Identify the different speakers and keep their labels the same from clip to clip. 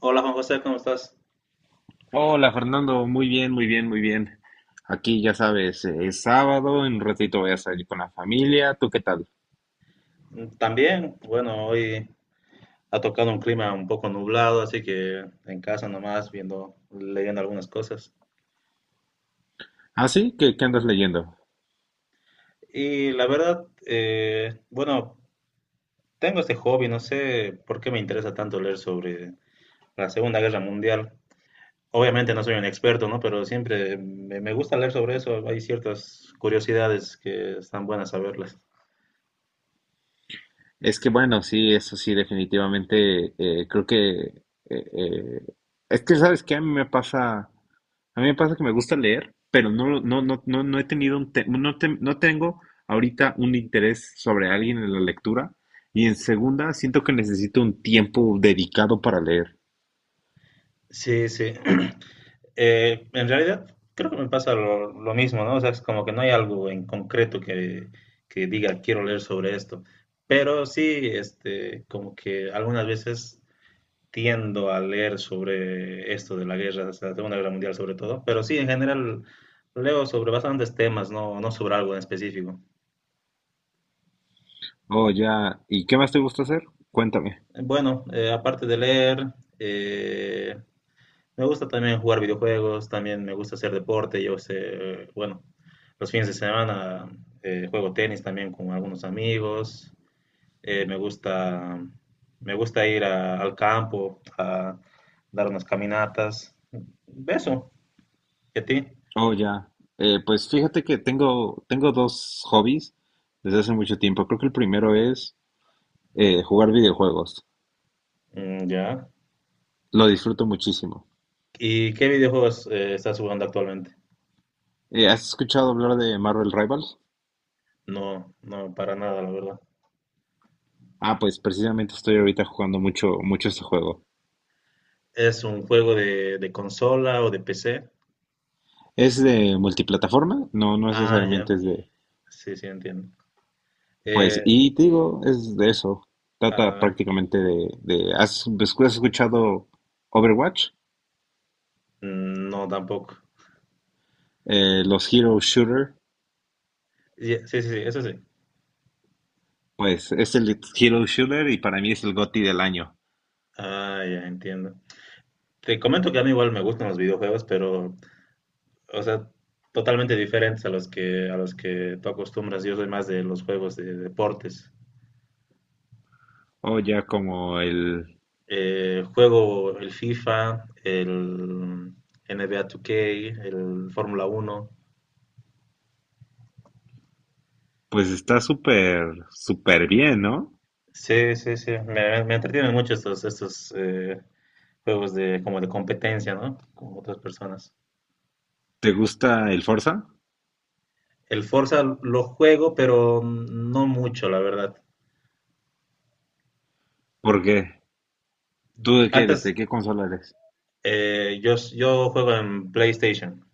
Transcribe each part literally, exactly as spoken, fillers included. Speaker 1: Hola Juan José, ¿cómo estás?
Speaker 2: Hola Fernando, muy bien, muy bien, muy bien. Aquí ya sabes, eh, es sábado, en un ratito voy a salir con la familia. ¿Tú qué tal?
Speaker 1: Mm, también, bueno, hoy ha tocado un clima un poco nublado, así que en casa nomás viendo, leyendo algunas cosas.
Speaker 2: ¿Ah, sí? ¿Qué, qué andas leyendo?
Speaker 1: Y la verdad, eh, bueno, tengo este hobby, no sé por qué me interesa tanto leer sobre la Segunda Guerra Mundial. Obviamente no soy un experto, ¿no? Pero siempre me, me gusta leer sobre eso, hay ciertas curiosidades que están buenas saberlas.
Speaker 2: Es que bueno, sí, eso sí, definitivamente eh, creo que... eh, eh, es que sabes que a mí me pasa, a mí me pasa que me gusta leer, pero no, lo- no, no, no, no he tenido un te- no, te- no tengo ahorita un interés sobre alguien en la lectura. Y en segunda, siento que necesito un tiempo dedicado para leer.
Speaker 1: Sí, sí. Eh, en realidad, creo que me pasa lo, lo mismo, ¿no? O sea, es como que no hay algo en concreto que, que diga quiero leer sobre esto. Pero sí, este, como que algunas veces tiendo a leer sobre esto de la guerra, o sea, la Segunda Guerra Mundial sobre todo. Pero sí, en general leo sobre bastantes temas, no, no sobre algo en específico.
Speaker 2: Oh, ya. ¿Y qué más te gusta hacer? Cuéntame.
Speaker 1: Eh, Bueno, eh, aparte de leer, eh, me gusta también jugar videojuegos, también me gusta hacer deporte. Yo sé, bueno, los fines de semana eh, juego tenis también con algunos amigos. Eh, me gusta, me gusta ir a- al campo a dar unas caminatas. Beso, ¿y a ti?
Speaker 2: Oh, ya. Eh, pues fíjate que tengo, tengo dos hobbies desde hace mucho tiempo. Creo que el primero es eh, jugar videojuegos.
Speaker 1: Mm, ya.
Speaker 2: Lo disfruto muchísimo.
Speaker 1: ¿Y qué videojuegos eh, estás jugando actualmente?
Speaker 2: Eh, ¿has escuchado hablar de Marvel Rivals?
Speaker 1: No, no, para nada, la verdad.
Speaker 2: Ah, pues precisamente estoy ahorita jugando mucho, mucho este juego.
Speaker 1: ¿Es un juego de, de consola o de P C?
Speaker 2: Es de multiplataforma, no, no
Speaker 1: Ah, ya.
Speaker 2: necesariamente es de...
Speaker 1: Sí, sí, entiendo.
Speaker 2: Pues,
Speaker 1: Eh,
Speaker 2: y te digo, es de eso. Trata
Speaker 1: ah,
Speaker 2: prácticamente de... de ¿has, has escuchado Overwatch?
Speaker 1: Mm, no, tampoco.
Speaker 2: Eh, los Hero Shooter.
Speaker 1: Sí, sí, sí, eso sí.
Speaker 2: Pues es el Hero Shooter y para mí es el GOTY del año.
Speaker 1: Ah, ya entiendo. Te comento que a mí igual me gustan los videojuegos, pero, o sea, totalmente diferentes a los que, a los que tú acostumbras. Yo soy más de los juegos de deportes.
Speaker 2: O ya como el...
Speaker 1: Eh, juego el FIFA, el N B A dos K, el Fórmula Uno.
Speaker 2: Pues está súper, súper bien, ¿no?
Speaker 1: Sí, sí, sí. Me, me entretienen mucho estos, estos eh, juegos de, como de competencia, ¿no? Con otras personas.
Speaker 2: ¿Te gusta el Forza?
Speaker 1: El Forza lo juego, pero no mucho, la verdad.
Speaker 2: ¿Por qué? ¿Tú de qué eres?
Speaker 1: Antes,
Speaker 2: ¿De qué consola eres?
Speaker 1: eh, yo, yo juego en PlayStation.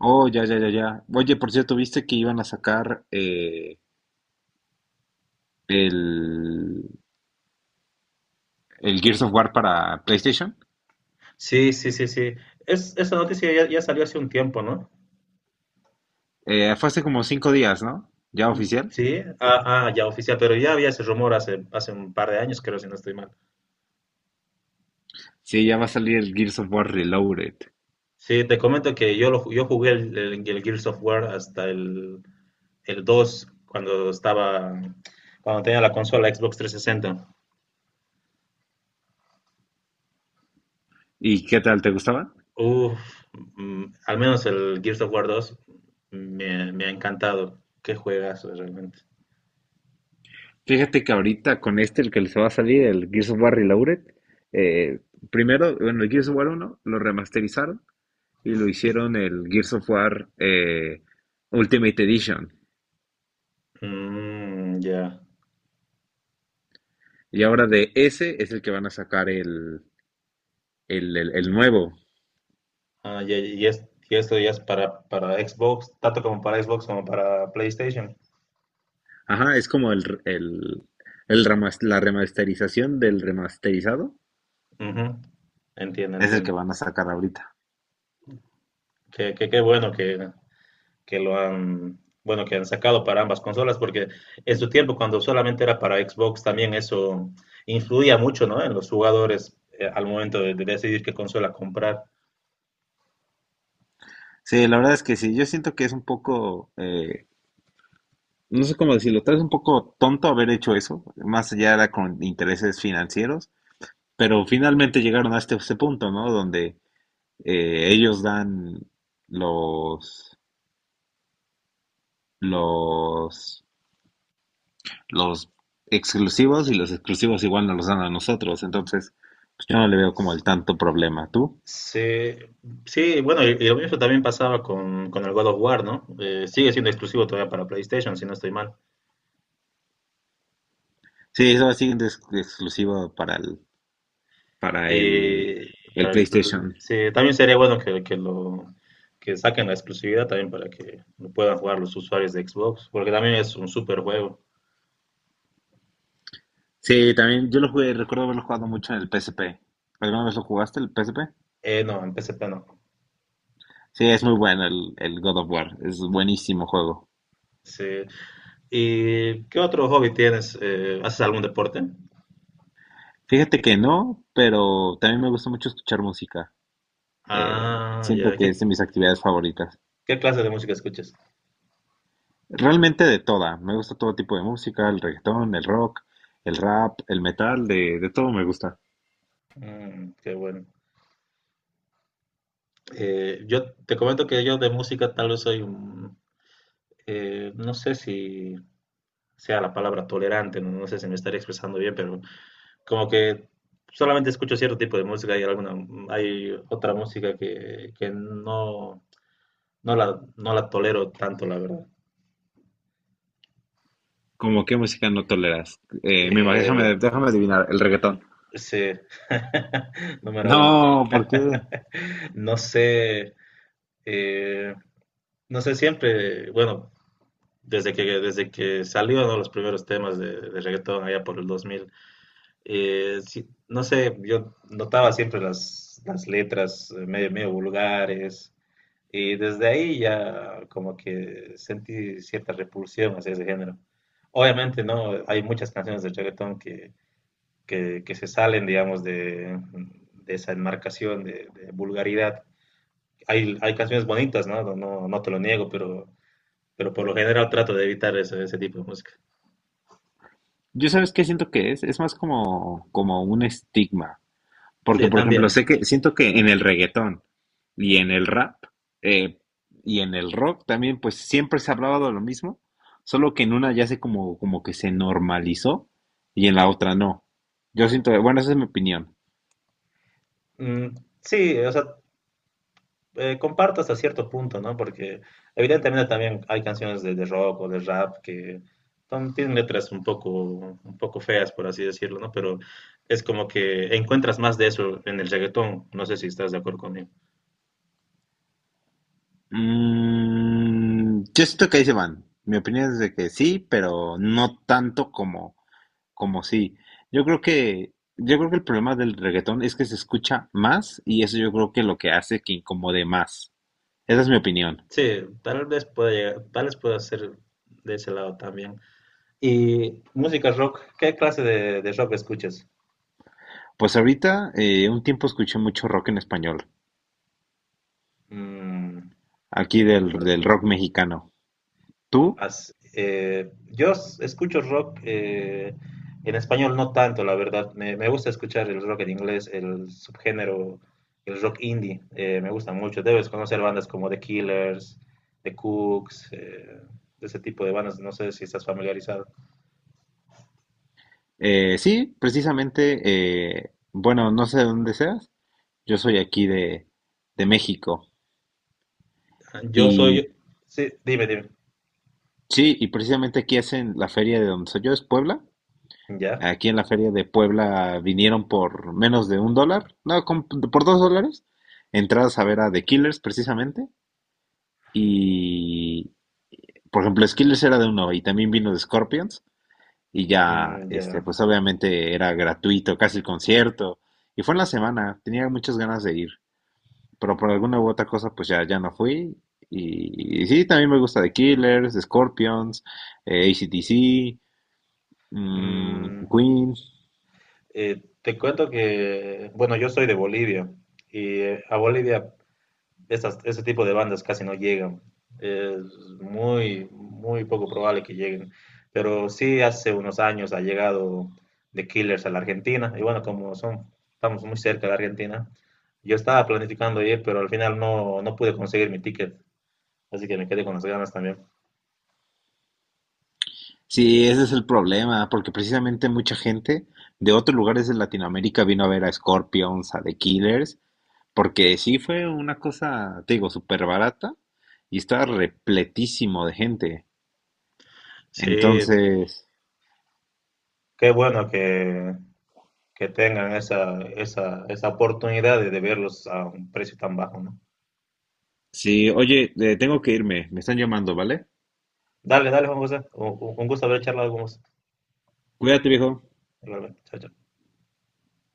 Speaker 2: Oh, ya, ya, ya, ya. Oye, por cierto, ¿viste que iban a sacar eh, el, el Gears of War para PlayStation?
Speaker 1: Sí, sí, sí, sí. Es, esa noticia ya, ya salió hace un tiempo, ¿no?
Speaker 2: Eh, fue hace como cinco días, ¿no? ¿Ya
Speaker 1: Mm,
Speaker 2: oficial?
Speaker 1: sí, ah, ah, ya oficial, pero ya había ese rumor hace, hace un par de años, creo, si no estoy mal.
Speaker 2: Sí, ya va a salir el Gears of War Reloaded.
Speaker 1: Sí, te comento que yo, lo, ju- yo jugué el, el, el Gears of War hasta el, el dos cuando estaba, cuando tenía la consola Xbox trescientos sesenta.
Speaker 2: ¿Y qué tal? ¿Te gustaba?
Speaker 1: Uf, mm, al menos el Gears of War dos me, me ha encantado. Qué juegazo, realmente.
Speaker 2: Fíjate que ahorita con este, el que les va a salir, el Gears of War Reloaded, eh, primero, bueno, el Gears of War uno lo remasterizaron y lo hicieron el Gears of War eh, Ultimate Edition.
Speaker 1: Mm, ya.
Speaker 2: Y ahora de ese es el que van a sacar el, el, el- el nuevo.
Speaker 1: Ah, ya, y, es- y esto ya es para, para Xbox, tanto como para Xbox como para PlayStation.
Speaker 2: Ajá, es como el, el, el remas- la remasterización del remasterizado.
Speaker 1: Ujú. Entiendo,
Speaker 2: Es el que
Speaker 1: entiendo.
Speaker 2: van a sacar ahorita.
Speaker 1: Qué, qué, qué bueno que, que lo han, bueno, que han sacado para ambas consolas, porque en su tiempo, cuando solamente era para Xbox, también eso influía mucho, ¿no? En los jugadores, eh, al momento de, de decidir qué consola comprar.
Speaker 2: Sí, la verdad es que sí, yo siento que es un poco eh, no sé cómo decirlo, tal vez un poco tonto haber hecho eso, más allá era con intereses financieros, pero finalmente llegaron a este, este punto, ¿no? Donde eh, ellos dan los, los, los exclusivos y los exclusivos igual nos los dan a nosotros, entonces pues yo no le veo como el tanto problema. ¿Tú?
Speaker 1: Sí, sí, bueno, y, y lo mismo también pasaba con, con el God of War, ¿no? Eh, sigue siendo exclusivo todavía para PlayStation, si no estoy mal.
Speaker 2: Sí, eso va siendo ex- exclusivo para el, para el,
Speaker 1: Y
Speaker 2: el
Speaker 1: para el-
Speaker 2: PlayStation.
Speaker 1: sí, también sería bueno que, que lo que saquen la exclusividad también para que lo puedan jugar los usuarios de Xbox, porque también es un super juego.
Speaker 2: Sí, también yo lo jugué, recuerdo haberlo jugado mucho en el P S P. ¿Alguna vez lo jugaste el P S P?
Speaker 1: Eh, no, en P S P no.
Speaker 2: Sí, es muy bueno el, el God of War, es buenísimo juego.
Speaker 1: Sí. ¿Y qué otro hobby tienes? Eh, ¿haces algún deporte?
Speaker 2: Fíjate que no, pero también me gusta mucho escuchar música. Eh,
Speaker 1: Ah,
Speaker 2: Siento
Speaker 1: ya.
Speaker 2: que es
Speaker 1: ¿Qué,
Speaker 2: de mis actividades favoritas.
Speaker 1: qué clase de música escuchas?
Speaker 2: Realmente de toda, me gusta todo tipo de música, el reggaetón, el rock, el rap, el metal, de, de todo me gusta.
Speaker 1: Mm, qué bueno. Eh, yo te comento que yo de música tal vez soy un, eh, no sé si sea la palabra tolerante, no, no sé si me estaré expresando bien, pero como que solamente escucho cierto tipo de música y alguna, hay otra música que, que no, no la, no la tolero tanto, la verdad.
Speaker 2: ¿Cómo qué música no toleras? Eh, me imagino,
Speaker 1: Eh,
Speaker 2: déjame, déjame adivinar, el reggaetón.
Speaker 1: sí, número uno.
Speaker 2: No, ¿por qué?
Speaker 1: No sé, eh, no sé siempre, bueno, desde que, desde que salió no los primeros temas de, de reggaetón allá por el dos mil. Eh, sí, no sé, yo notaba siempre las, las letras eh, medio, medio vulgares, y desde ahí ya como que sentí cierta repulsión hacia ese género. Obviamente, ¿no? Hay muchas canciones de reggaetón que, que, que se salen, digamos, de, de esa enmarcación de, de vulgaridad. Hay, hay canciones bonitas, ¿no? No, no- no te lo niego, pero, pero por lo general trato de evitar ese, ese tipo de música.
Speaker 2: Yo sabes qué siento que es, es más como, como un estigma. Porque,
Speaker 1: Sí,
Speaker 2: por ejemplo,
Speaker 1: también.
Speaker 2: sé que siento que en
Speaker 1: También.
Speaker 2: el reggaetón y en el rap eh, y en el rock también, pues siempre se ha hablado de lo mismo, solo que en una ya se como, como que se normalizó y en la otra no. Yo siento, bueno, esa es mi opinión.
Speaker 1: Mm, sí, o sea, eh, comparto hasta cierto punto, ¿no? Porque evidentemente también hay canciones de, de rock o de rap que son- tienen letras un poco, un poco feas, por así decirlo, ¿no? Pero es como que encuentras más de eso en el reggaetón. No sé si estás de acuerdo conmigo.
Speaker 2: Mm, yo siento que ahí se van. Mi opinión es de que sí, pero no tanto como, como sí. Yo creo que, yo creo que el problema del reggaetón es que se escucha más y eso yo creo que lo que hace que incomode más. Esa es mi opinión.
Speaker 1: Sí, tal vez pueda llegar, tal vez pueda ser de ese lado también. Y música rock, ¿qué clase de, de rock escuchas?
Speaker 2: Pues ahorita, eh, un tiempo escuché mucho rock en español,
Speaker 1: Mm,
Speaker 2: aquí del,
Speaker 1: rock.
Speaker 2: del rock mexicano. ¿Tú?
Speaker 1: As- eh, yo s- escucho rock eh, en español no tanto, la verdad. Me, me gusta escuchar el rock en inglés, el subgénero, el rock indie. Eh, me gusta mucho. Debes conocer bandas como The Killers, The Cooks, eh, ese tipo de bandas. No sé si estás familiarizado.
Speaker 2: Eh, sí, precisamente, eh, bueno, no sé de dónde seas, yo soy aquí de, de México.
Speaker 1: Yo
Speaker 2: Y
Speaker 1: soy... Sí, dime, dime.
Speaker 2: sí, y precisamente aquí hacen la feria de donde soy yo, es Puebla.
Speaker 1: Ya,
Speaker 2: Aquí en la feria de Puebla vinieron por menos de un dólar, no, con- por dos dólares, entradas a ver a The Killers precisamente. Y, por ejemplo, The Killers era de uno y también vino de Scorpions. Y ya,
Speaker 1: mm,
Speaker 2: este,
Speaker 1: ya.
Speaker 2: pues obviamente era gratuito, casi el concierto. Y fue en la semana, tenía muchas ganas de ir, pero por alguna u otra cosa, pues ya, ya no fui. Y, y sí, también me gusta The Killers, Scorpions, eh, A C/D C, mm,
Speaker 1: Mm,
Speaker 2: Queen.
Speaker 1: eh, te cuento que, bueno, yo soy de Bolivia y eh, a Bolivia esas, ese tipo de bandas casi no llegan. Es muy, muy poco probable que lleguen. Pero sí, hace unos años ha llegado The Killers a la Argentina. Y bueno, como son, estamos muy cerca de la Argentina, yo estaba planificando ir, pero al final no, no pude conseguir mi ticket. Así que me quedé con las ganas también.
Speaker 2: Sí, ese es el problema, porque precisamente mucha gente de otros lugares de Latinoamérica vino a ver a Scorpions, a The Killers, porque sí fue una cosa, te digo, súper barata y estaba repletísimo de gente.
Speaker 1: Sí,
Speaker 2: Entonces,
Speaker 1: qué bueno que, que tengan esa, esa, esa oportunidad de, de verlos a un precio tan bajo, ¿no?
Speaker 2: sí, oye, eh, tengo que irme, me están llamando, ¿vale?
Speaker 1: Dale, dale, Juan José. Un, un gusto haber charlado con vos.
Speaker 2: Cuídate, viejo.
Speaker 1: Igualmente. Chao, chao.